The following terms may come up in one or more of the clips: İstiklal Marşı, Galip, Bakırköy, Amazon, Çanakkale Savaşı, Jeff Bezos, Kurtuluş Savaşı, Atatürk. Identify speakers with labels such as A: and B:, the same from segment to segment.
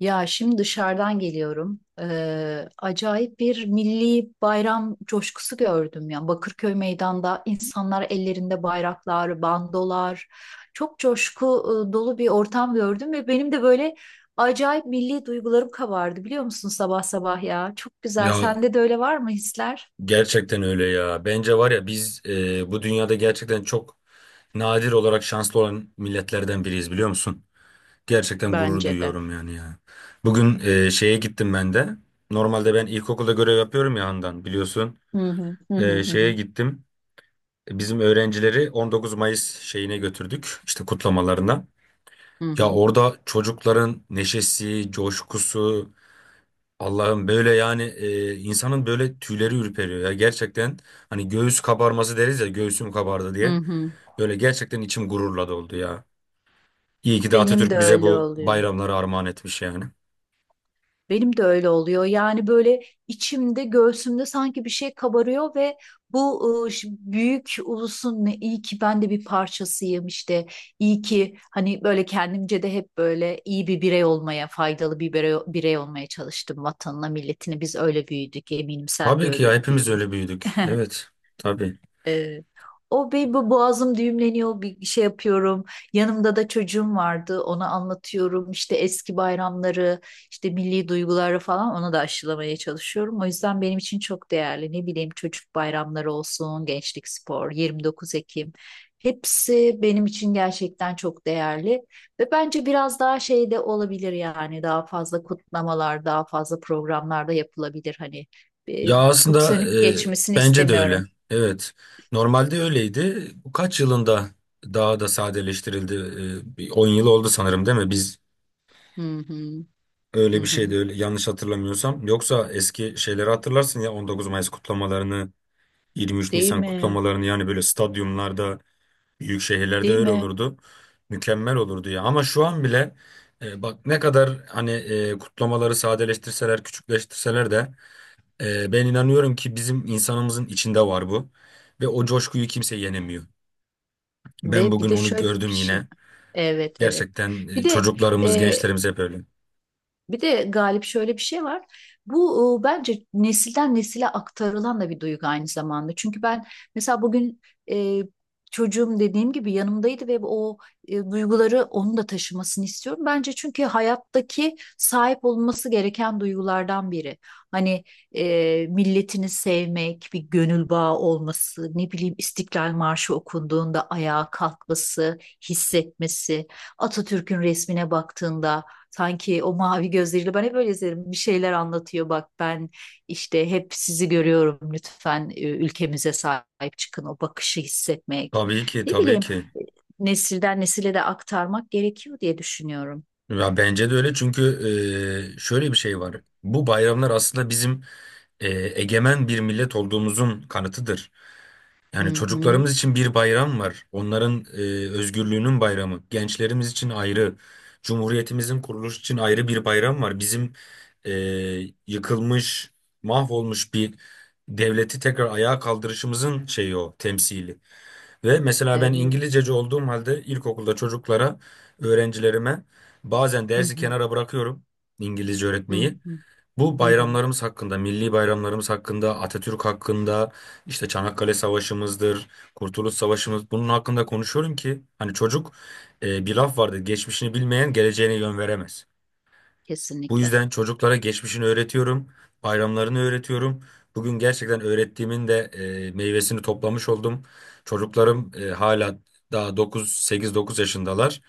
A: Ya şimdi dışarıdan geliyorum. Acayip bir milli bayram coşkusu gördüm ya. Bakırköy meydanda insanlar ellerinde bayraklar, bandolar. Çok coşku dolu bir ortam gördüm ve benim de böyle acayip milli duygularım kabardı biliyor musun sabah sabah ya. Çok güzel.
B: Ya
A: Sende de öyle var mı hisler?
B: gerçekten öyle ya. Bence var ya biz bu dünyada gerçekten çok nadir olarak şanslı olan milletlerden biriyiz biliyor musun? Gerçekten gurur
A: Bence de.
B: duyuyorum yani ya. Bugün şeye gittim ben de. Normalde ben ilkokulda görev yapıyorum ya Handan biliyorsun.
A: Hı hı hı hı hı
B: Şeye
A: hı
B: gittim. Bizim öğrencileri 19 Mayıs şeyine götürdük işte kutlamalarına.
A: hı
B: Ya
A: hı.
B: orada çocukların neşesi, coşkusu, Allah'ım böyle yani insanın böyle tüyleri ürperiyor ya gerçekten, hani göğüs kabarması deriz ya, göğsüm kabardı
A: hı
B: diye
A: hı.
B: böyle gerçekten içim gururla doldu ya. İyi ki de
A: Benim
B: Atatürk
A: de
B: bize
A: öyle
B: bu
A: oluyor.
B: bayramları armağan etmiş yani.
A: Benim de öyle oluyor. Yani böyle içimde, göğsümde sanki bir şey kabarıyor ve bu büyük ulusun iyi ki ben de bir parçasıyım işte. İyi ki hani böyle kendimce de hep böyle iyi bir birey olmaya, faydalı bir birey olmaya çalıştım vatanına, milletine. Biz öyle büyüdük. Eminim sen de
B: Tabii ki
A: öyle
B: ya, hepimiz öyle
A: büyümüşsün.
B: büyüdük. Evet, tabii.
A: Ee, O bir bu boğazım düğümleniyor bir şey yapıyorum. Yanımda da çocuğum vardı ona anlatıyorum işte eski bayramları işte milli duyguları falan onu da aşılamaya çalışıyorum. O yüzden benim için çok değerli ne bileyim çocuk bayramları olsun gençlik spor 29 Ekim, hepsi benim için gerçekten çok değerli. Ve bence biraz daha şey de olabilir, yani daha fazla kutlamalar daha fazla programlarda yapılabilir hani, e,
B: Ya
A: çok
B: aslında,
A: sönük
B: e,
A: geçmesini
B: bence de
A: istemiyorum.
B: öyle. Evet. Normalde öyleydi. Bu kaç yılında daha da sadeleştirildi? Bir 10 yıl oldu sanırım değil mi? Biz
A: Hı hı. Hı
B: öyle bir şeydi,
A: hı.
B: öyle yanlış hatırlamıyorsam. Yoksa eski şeyleri hatırlarsın ya, 19 Mayıs kutlamalarını, 23
A: Değil
B: Nisan
A: mi?
B: kutlamalarını, yani böyle stadyumlarda, büyük şehirlerde
A: Değil
B: öyle
A: mi?
B: olurdu. Mükemmel olurdu ya. Ama şu an bile bak, ne kadar hani kutlamaları sadeleştirseler, küçükleştirseler de ben inanıyorum ki bizim insanımızın içinde var bu. Ve o coşkuyu kimse yenemiyor. Ben
A: Ve bir
B: bugün
A: de
B: onu
A: şöyle bir
B: gördüm
A: şey.
B: yine.
A: Evet, evet.
B: Gerçekten
A: Bir de
B: çocuklarımız,
A: e,
B: gençlerimiz hep öyle.
A: Bir de Galip şöyle bir şey var. Bu, bence nesilden nesile aktarılan da bir duygu aynı zamanda. Çünkü ben mesela bugün, e, çocuğum dediğim gibi yanımdaydı ve o duyguları onun da taşımasını istiyorum. Bence çünkü hayattaki sahip olması gereken duygulardan biri. Hani milletini sevmek, bir gönül bağı olması, ne bileyim İstiklal Marşı okunduğunda ayağa kalkması, hissetmesi, Atatürk'ün resmine baktığında sanki o mavi gözleriyle. Ben hep öyle izlerim. Bir şeyler anlatıyor. Bak ben işte hep sizi görüyorum. Lütfen ülkemize sahip çıkın. O bakışı hissetmek.
B: Tabii ki,
A: Ne
B: tabii
A: bileyim
B: ki.
A: e, nesilden nesile de aktarmak gerekiyor diye düşünüyorum.
B: Ya bence de öyle, çünkü şöyle bir şey var. Bu bayramlar aslında bizim e, egemen bir millet olduğumuzun kanıtıdır. Yani
A: Hı hı.
B: çocuklarımız için bir bayram var. Onların özgürlüğünün bayramı. Gençlerimiz için ayrı. Cumhuriyetimizin kuruluşu için ayrı bir bayram var. Bizim e, yıkılmış, mahvolmuş bir devleti tekrar ayağa kaldırışımızın şeyi, o temsili. Ve mesela ben
A: Evet.
B: İngilizceci olduğum halde ilkokulda çocuklara, öğrencilerime bazen
A: Hı
B: dersi
A: hı.
B: kenara bırakıyorum İngilizce
A: Hı
B: öğretmeyi.
A: hı.
B: Bu
A: Hı hı.
B: bayramlarımız hakkında, milli bayramlarımız hakkında, Atatürk hakkında, işte Çanakkale Savaşımızdır, Kurtuluş Savaşımız, bunun hakkında konuşuyorum ki hani çocuk... Bir laf vardı: geçmişini bilmeyen geleceğine yön veremez. Bu
A: Kesinlikle.
B: yüzden çocuklara geçmişini öğretiyorum, bayramlarını öğretiyorum. Bugün gerçekten öğrettiğimin de meyvesini toplamış oldum. Çocuklarım hala daha 9, 8-9 yaşındalar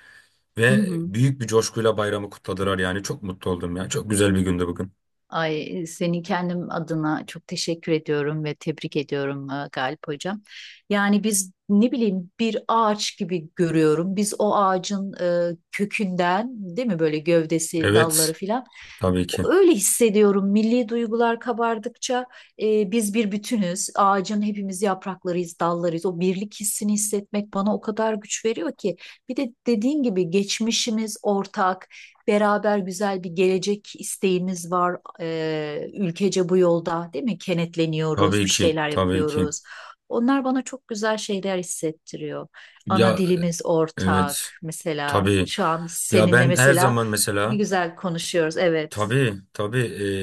A: Hı
B: ve
A: hı.
B: büyük bir coşkuyla bayramı kutladılar yani. Çok mutlu oldum ya. Çok güzel bir gündü bugün.
A: Ay, seni kendim adına çok teşekkür ediyorum ve tebrik ediyorum Galip Hocam. Yani biz, ne bileyim, bir ağaç gibi görüyorum. Biz o ağacın kökünden, değil mi, böyle gövdesi,
B: Evet,
A: dalları filan.
B: tabii ki.
A: Öyle hissediyorum. Milli duygular kabardıkça biz bir bütünüz. Ağacın hepimiz yapraklarıyız, dallarıyız. O birlik hissini hissetmek bana o kadar güç veriyor ki. Bir de dediğin gibi geçmişimiz ortak, beraber güzel bir gelecek isteğimiz var. Ülkece bu yolda, değil mi? Kenetleniyoruz,
B: Tabii
A: bir
B: ki,
A: şeyler
B: tabii ki.
A: yapıyoruz. Onlar bana çok güzel şeyler hissettiriyor. Ana
B: Ya
A: dilimiz ortak.
B: evet,
A: Mesela
B: tabii.
A: şu an
B: Ya
A: seninle
B: ben her
A: mesela
B: zaman
A: ne
B: mesela...
A: güzel konuşuyoruz. Evet.
B: Tabii, tabii.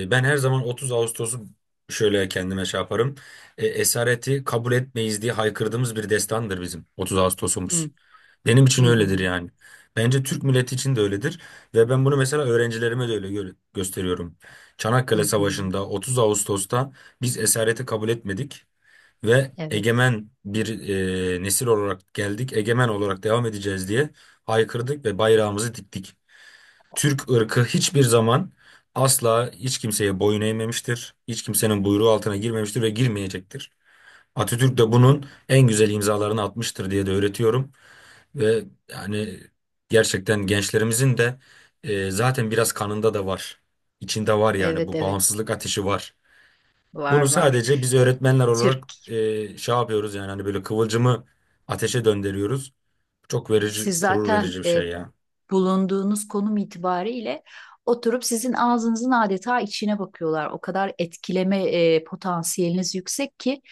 B: Ben her zaman 30 Ağustos'u şöyle kendime şey yaparım. Esareti kabul etmeyiz diye haykırdığımız bir destandır bizim 30 Ağustos'umuz.
A: Hı
B: Benim
A: hı
B: için öyledir
A: hı.
B: yani. Bence Türk milleti için de öyledir ve ben bunu mesela öğrencilerime de öyle gösteriyorum.
A: Hı
B: Çanakkale
A: hı.
B: Savaşı'nda 30 Ağustos'ta biz esareti kabul etmedik ve
A: Evet.
B: egemen bir nesil olarak geldik, egemen olarak devam edeceğiz diye haykırdık ve bayrağımızı diktik. Türk ırkı hiçbir zaman asla hiç kimseye boyun eğmemiştir. Hiç kimsenin buyruğu altına girmemiştir ve girmeyecektir. Atatürk de
A: Evet
B: bunun en güzel imzalarını atmıştır diye de öğretiyorum. Ve yani gerçekten gençlerimizin de zaten biraz kanında da var. İçinde var yani,
A: evet
B: bu
A: evet
B: bağımsızlık ateşi var.
A: var
B: Bunu
A: var.
B: sadece biz
A: E,
B: öğretmenler olarak
A: Türk
B: şey yapıyoruz yani, hani böyle kıvılcımı ateşe döndürüyoruz. Çok verici,
A: Siz
B: gurur
A: zaten,
B: verici bir şey ya.
A: bulunduğunuz konum itibariyle, oturup sizin ağzınızın adeta içine bakıyorlar. O kadar etkileme potansiyeliniz yüksek ki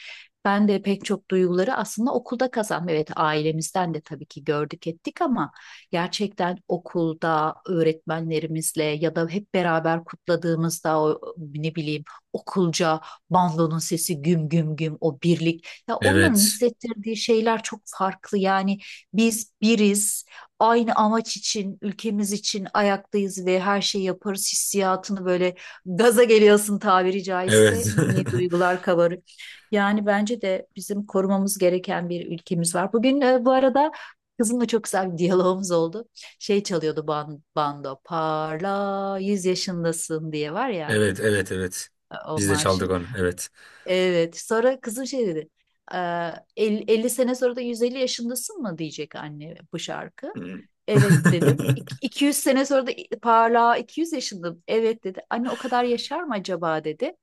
A: ben de pek çok duyguları aslında okulda kazandım. Evet, ailemizden de tabii ki gördük ettik ama gerçekten okulda öğretmenlerimizle ya da hep beraber kutladığımızda, o ne bileyim, okulca, bandonun sesi güm güm güm, o birlik ya, onların
B: Evet,
A: hissettirdiği şeyler çok farklı yani. Biz biriz, aynı amaç için, ülkemiz için ayaktayız ve her şeyi yaparız hissiyatını böyle gaza geliyorsun tabiri
B: evet.
A: caizse, milli duygular kabarır. Yani bence de bizim korumamız gereken bir ülkemiz var. Bugün, bu arada, kızımla çok güzel bir diyalogumuz oldu. Şey çalıyordu, bando, parla 100 yaşındasın diye var ya
B: Evet, evet, evet.
A: o
B: Biz de
A: marşı.
B: çaldık onu, evet.
A: Evet. Sonra kızım şey dedi: 50 sene sonra da 150 yaşındasın mı diyecek anne bu şarkı." Evet dedim. 200 sene sonra da parlağa 200 yaşındım. Evet dedi. "Anne o kadar yaşar mı acaba?" dedi.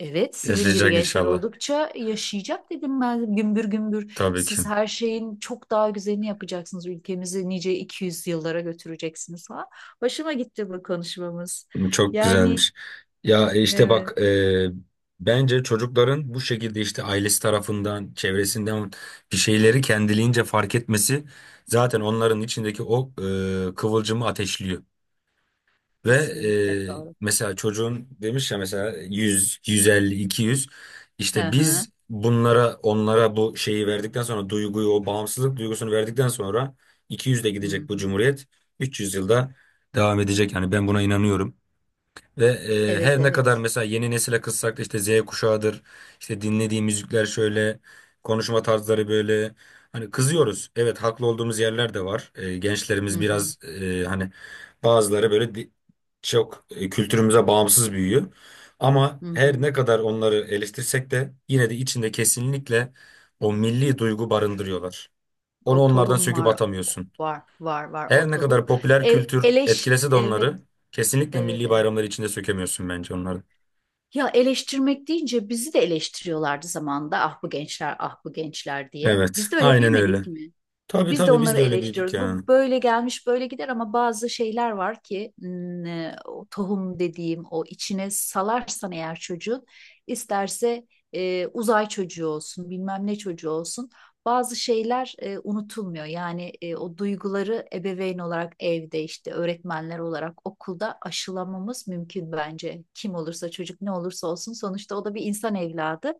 A: Evet, sizin gibi
B: Yaşayacak
A: gençler
B: inşallah.
A: oldukça yaşayacak, dedim, ben gümbür gümbür.
B: Tabii ki.
A: Siz her şeyin çok daha güzelini yapacaksınız. Ülkemizi nice 200 yıllara götüreceksiniz falan. Hoşuma gitti bu konuşmamız.
B: Çok
A: Yani
B: güzelmiş. Ya işte
A: evet,
B: bak, bence çocukların bu şekilde işte ailesi tarafından, çevresinden bir şeyleri kendiliğince fark etmesi zaten onların içindeki o kıvılcımı ateşliyor. Ve
A: kesinlikle doğru.
B: mesela çocuğun demiş ya mesela 100, 150, 200,
A: Hı
B: işte
A: hı.
B: biz bunlara, onlara bu şeyi verdikten sonra, duyguyu, o bağımsızlık duygusunu verdikten sonra 200 de
A: Hı
B: gidecek bu
A: hı.
B: cumhuriyet, 300 yılda devam edecek yani, ben buna inanıyorum. Ve
A: Evet
B: her ne kadar
A: evet.
B: mesela yeni nesile kızsak da, işte Z kuşağıdır, işte dinlediği müzikler şöyle, konuşma tarzları böyle. Hani kızıyoruz. Evet, haklı olduğumuz yerler de var. E,
A: Hı
B: gençlerimiz
A: hı.
B: biraz hani bazıları böyle çok kültürümüze bağımsız büyüyor. Ama
A: Hı
B: her
A: hı.
B: ne kadar onları eleştirsek de, yine de içinde kesinlikle o milli duygu barındırıyorlar. Onu
A: O
B: onlardan
A: tohum
B: söküp
A: var
B: atamıyorsun.
A: var var var o
B: Her ne
A: tohum.
B: kadar popüler
A: E,
B: kültür
A: eleş
B: etkilese de
A: evet
B: onları, kesinlikle
A: evet
B: milli
A: evet.
B: bayramları içinde sökemiyorsun bence onları.
A: Ya eleştirmek deyince bizi de eleştiriyorlardı zamanında. Ah bu gençler, ah bu gençler diye.
B: Evet,
A: Biz de öyle
B: aynen
A: büyümedik
B: öyle.
A: mi?
B: Tabii
A: Biz de
B: tabii, biz
A: onları
B: de öyle büyüdük
A: eleştiriyoruz. Bu
B: ya.
A: böyle gelmiş, böyle gider ama bazı şeyler var ki, o tohum dediğim, o içine salarsan eğer çocuğun, isterse uzay çocuğu olsun, bilmem ne çocuğu olsun, bazı şeyler unutulmuyor. Yani o duyguları ebeveyn olarak evde, işte öğretmenler olarak okulda aşılamamız mümkün bence. Kim olursa, çocuk ne olursa olsun, sonuçta o da bir insan evladı.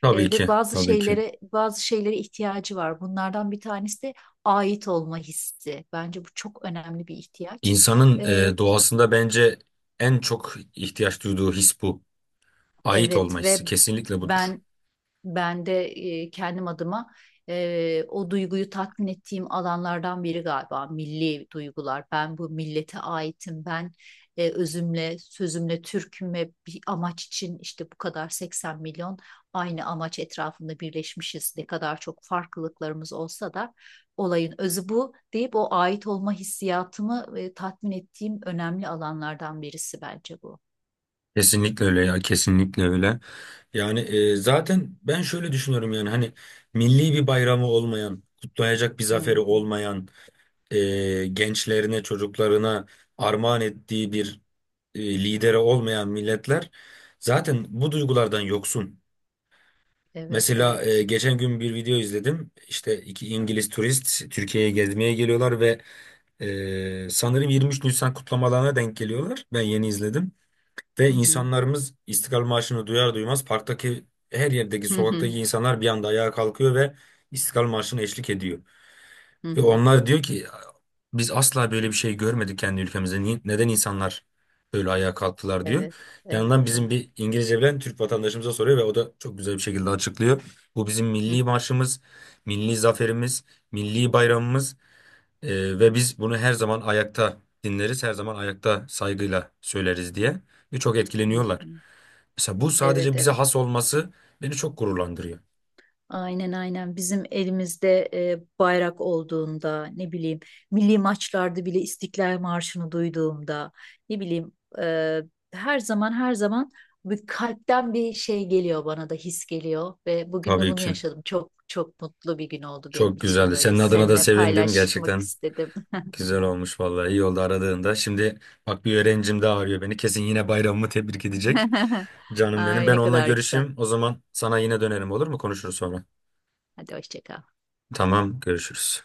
B: Tabii
A: Ve
B: ki,
A: bazı
B: tabii ki.
A: şeylere bazı şeylere ihtiyacı var. Bunlardan bir tanesi de ait olma hissi. Bence bu çok önemli bir ihtiyaç.
B: İnsanın
A: Ee,
B: doğasında bence en çok ihtiyaç duyduğu his bu. Ait
A: evet,
B: olma
A: ve
B: hissi kesinlikle budur.
A: ben Ben de kendim adıma o duyguyu tatmin ettiğim alanlardan biri galiba milli duygular. Ben bu millete aitim. Ben özümle, sözümle Türk'üm ve bir amaç için, işte bu kadar 80 milyon aynı amaç etrafında birleşmişiz. Ne kadar çok farklılıklarımız olsa da olayın özü bu deyip, o ait olma hissiyatımı tatmin ettiğim önemli alanlardan birisi bence bu.
B: Kesinlikle öyle ya, kesinlikle öyle. Yani zaten ben şöyle düşünüyorum yani, hani milli bir bayramı olmayan, kutlayacak bir zaferi
A: Hı hı.
B: olmayan, gençlerine, çocuklarına armağan ettiği bir lideri olmayan milletler zaten bu duygulardan yoksun.
A: Evet,
B: Mesela
A: evet.
B: geçen gün bir video izledim. İşte iki İngiliz turist Türkiye'ye gezmeye geliyorlar ve sanırım 23 Nisan kutlamalarına denk geliyorlar. Ben yeni izledim. Ve
A: Hı hı.
B: insanlarımız İstiklal Marşı'nı duyar duymaz parktaki, her yerdeki,
A: Hı
B: sokaktaki
A: hı.
B: insanlar bir anda ayağa kalkıyor ve İstiklal Marşı'na eşlik ediyor.
A: Hı
B: Ve
A: hı.
B: onlar diyor ki biz asla böyle bir şey görmedik kendi ülkemizde. Neden insanlar böyle ayağa kalktılar diyor.
A: Evet, evet,
B: Yanından bizim
A: evet.
B: bir İngilizce bilen Türk vatandaşımıza soruyor ve o da çok güzel bir şekilde açıklıyor. Bu bizim
A: Hı,
B: milli marşımız, milli zaferimiz, milli bayramımız, ve biz bunu her zaman ayakta dinleriz, her zaman ayakta saygıyla söyleriz diye, ve çok
A: hı,
B: etkileniyorlar.
A: hı.
B: Mesela bu
A: Evet,
B: sadece bize
A: evet.
B: has olması beni çok gururlandırıyor.
A: Aynen aynen, bizim elimizde bayrak olduğunda, ne bileyim, milli maçlarda bile İstiklal Marşı'nı duyduğumda, ne bileyim, e, her zaman her zaman bir kalpten bir şey geliyor, bana da his geliyor ve bugün de
B: Tabii
A: bunu
B: ki.
A: yaşadım. Çok çok mutlu bir gün oldu benim
B: Çok
A: için,
B: güzeldi.
A: böyle
B: Senin adına da
A: seninle
B: sevindim
A: paylaşmak
B: gerçekten.
A: istedim.
B: Güzel olmuş vallahi, iyi oldu aradığında. Şimdi bak, bir öğrencim daha arıyor beni. Kesin yine bayramımı tebrik edecek. Canım benim.
A: Ay
B: Ben
A: ne
B: onunla
A: kadar güzel.
B: görüşeyim. O zaman sana yine dönerim olur mu? Konuşuruz sonra.
A: Hadi hoşça kal.
B: Tamam, görüşürüz.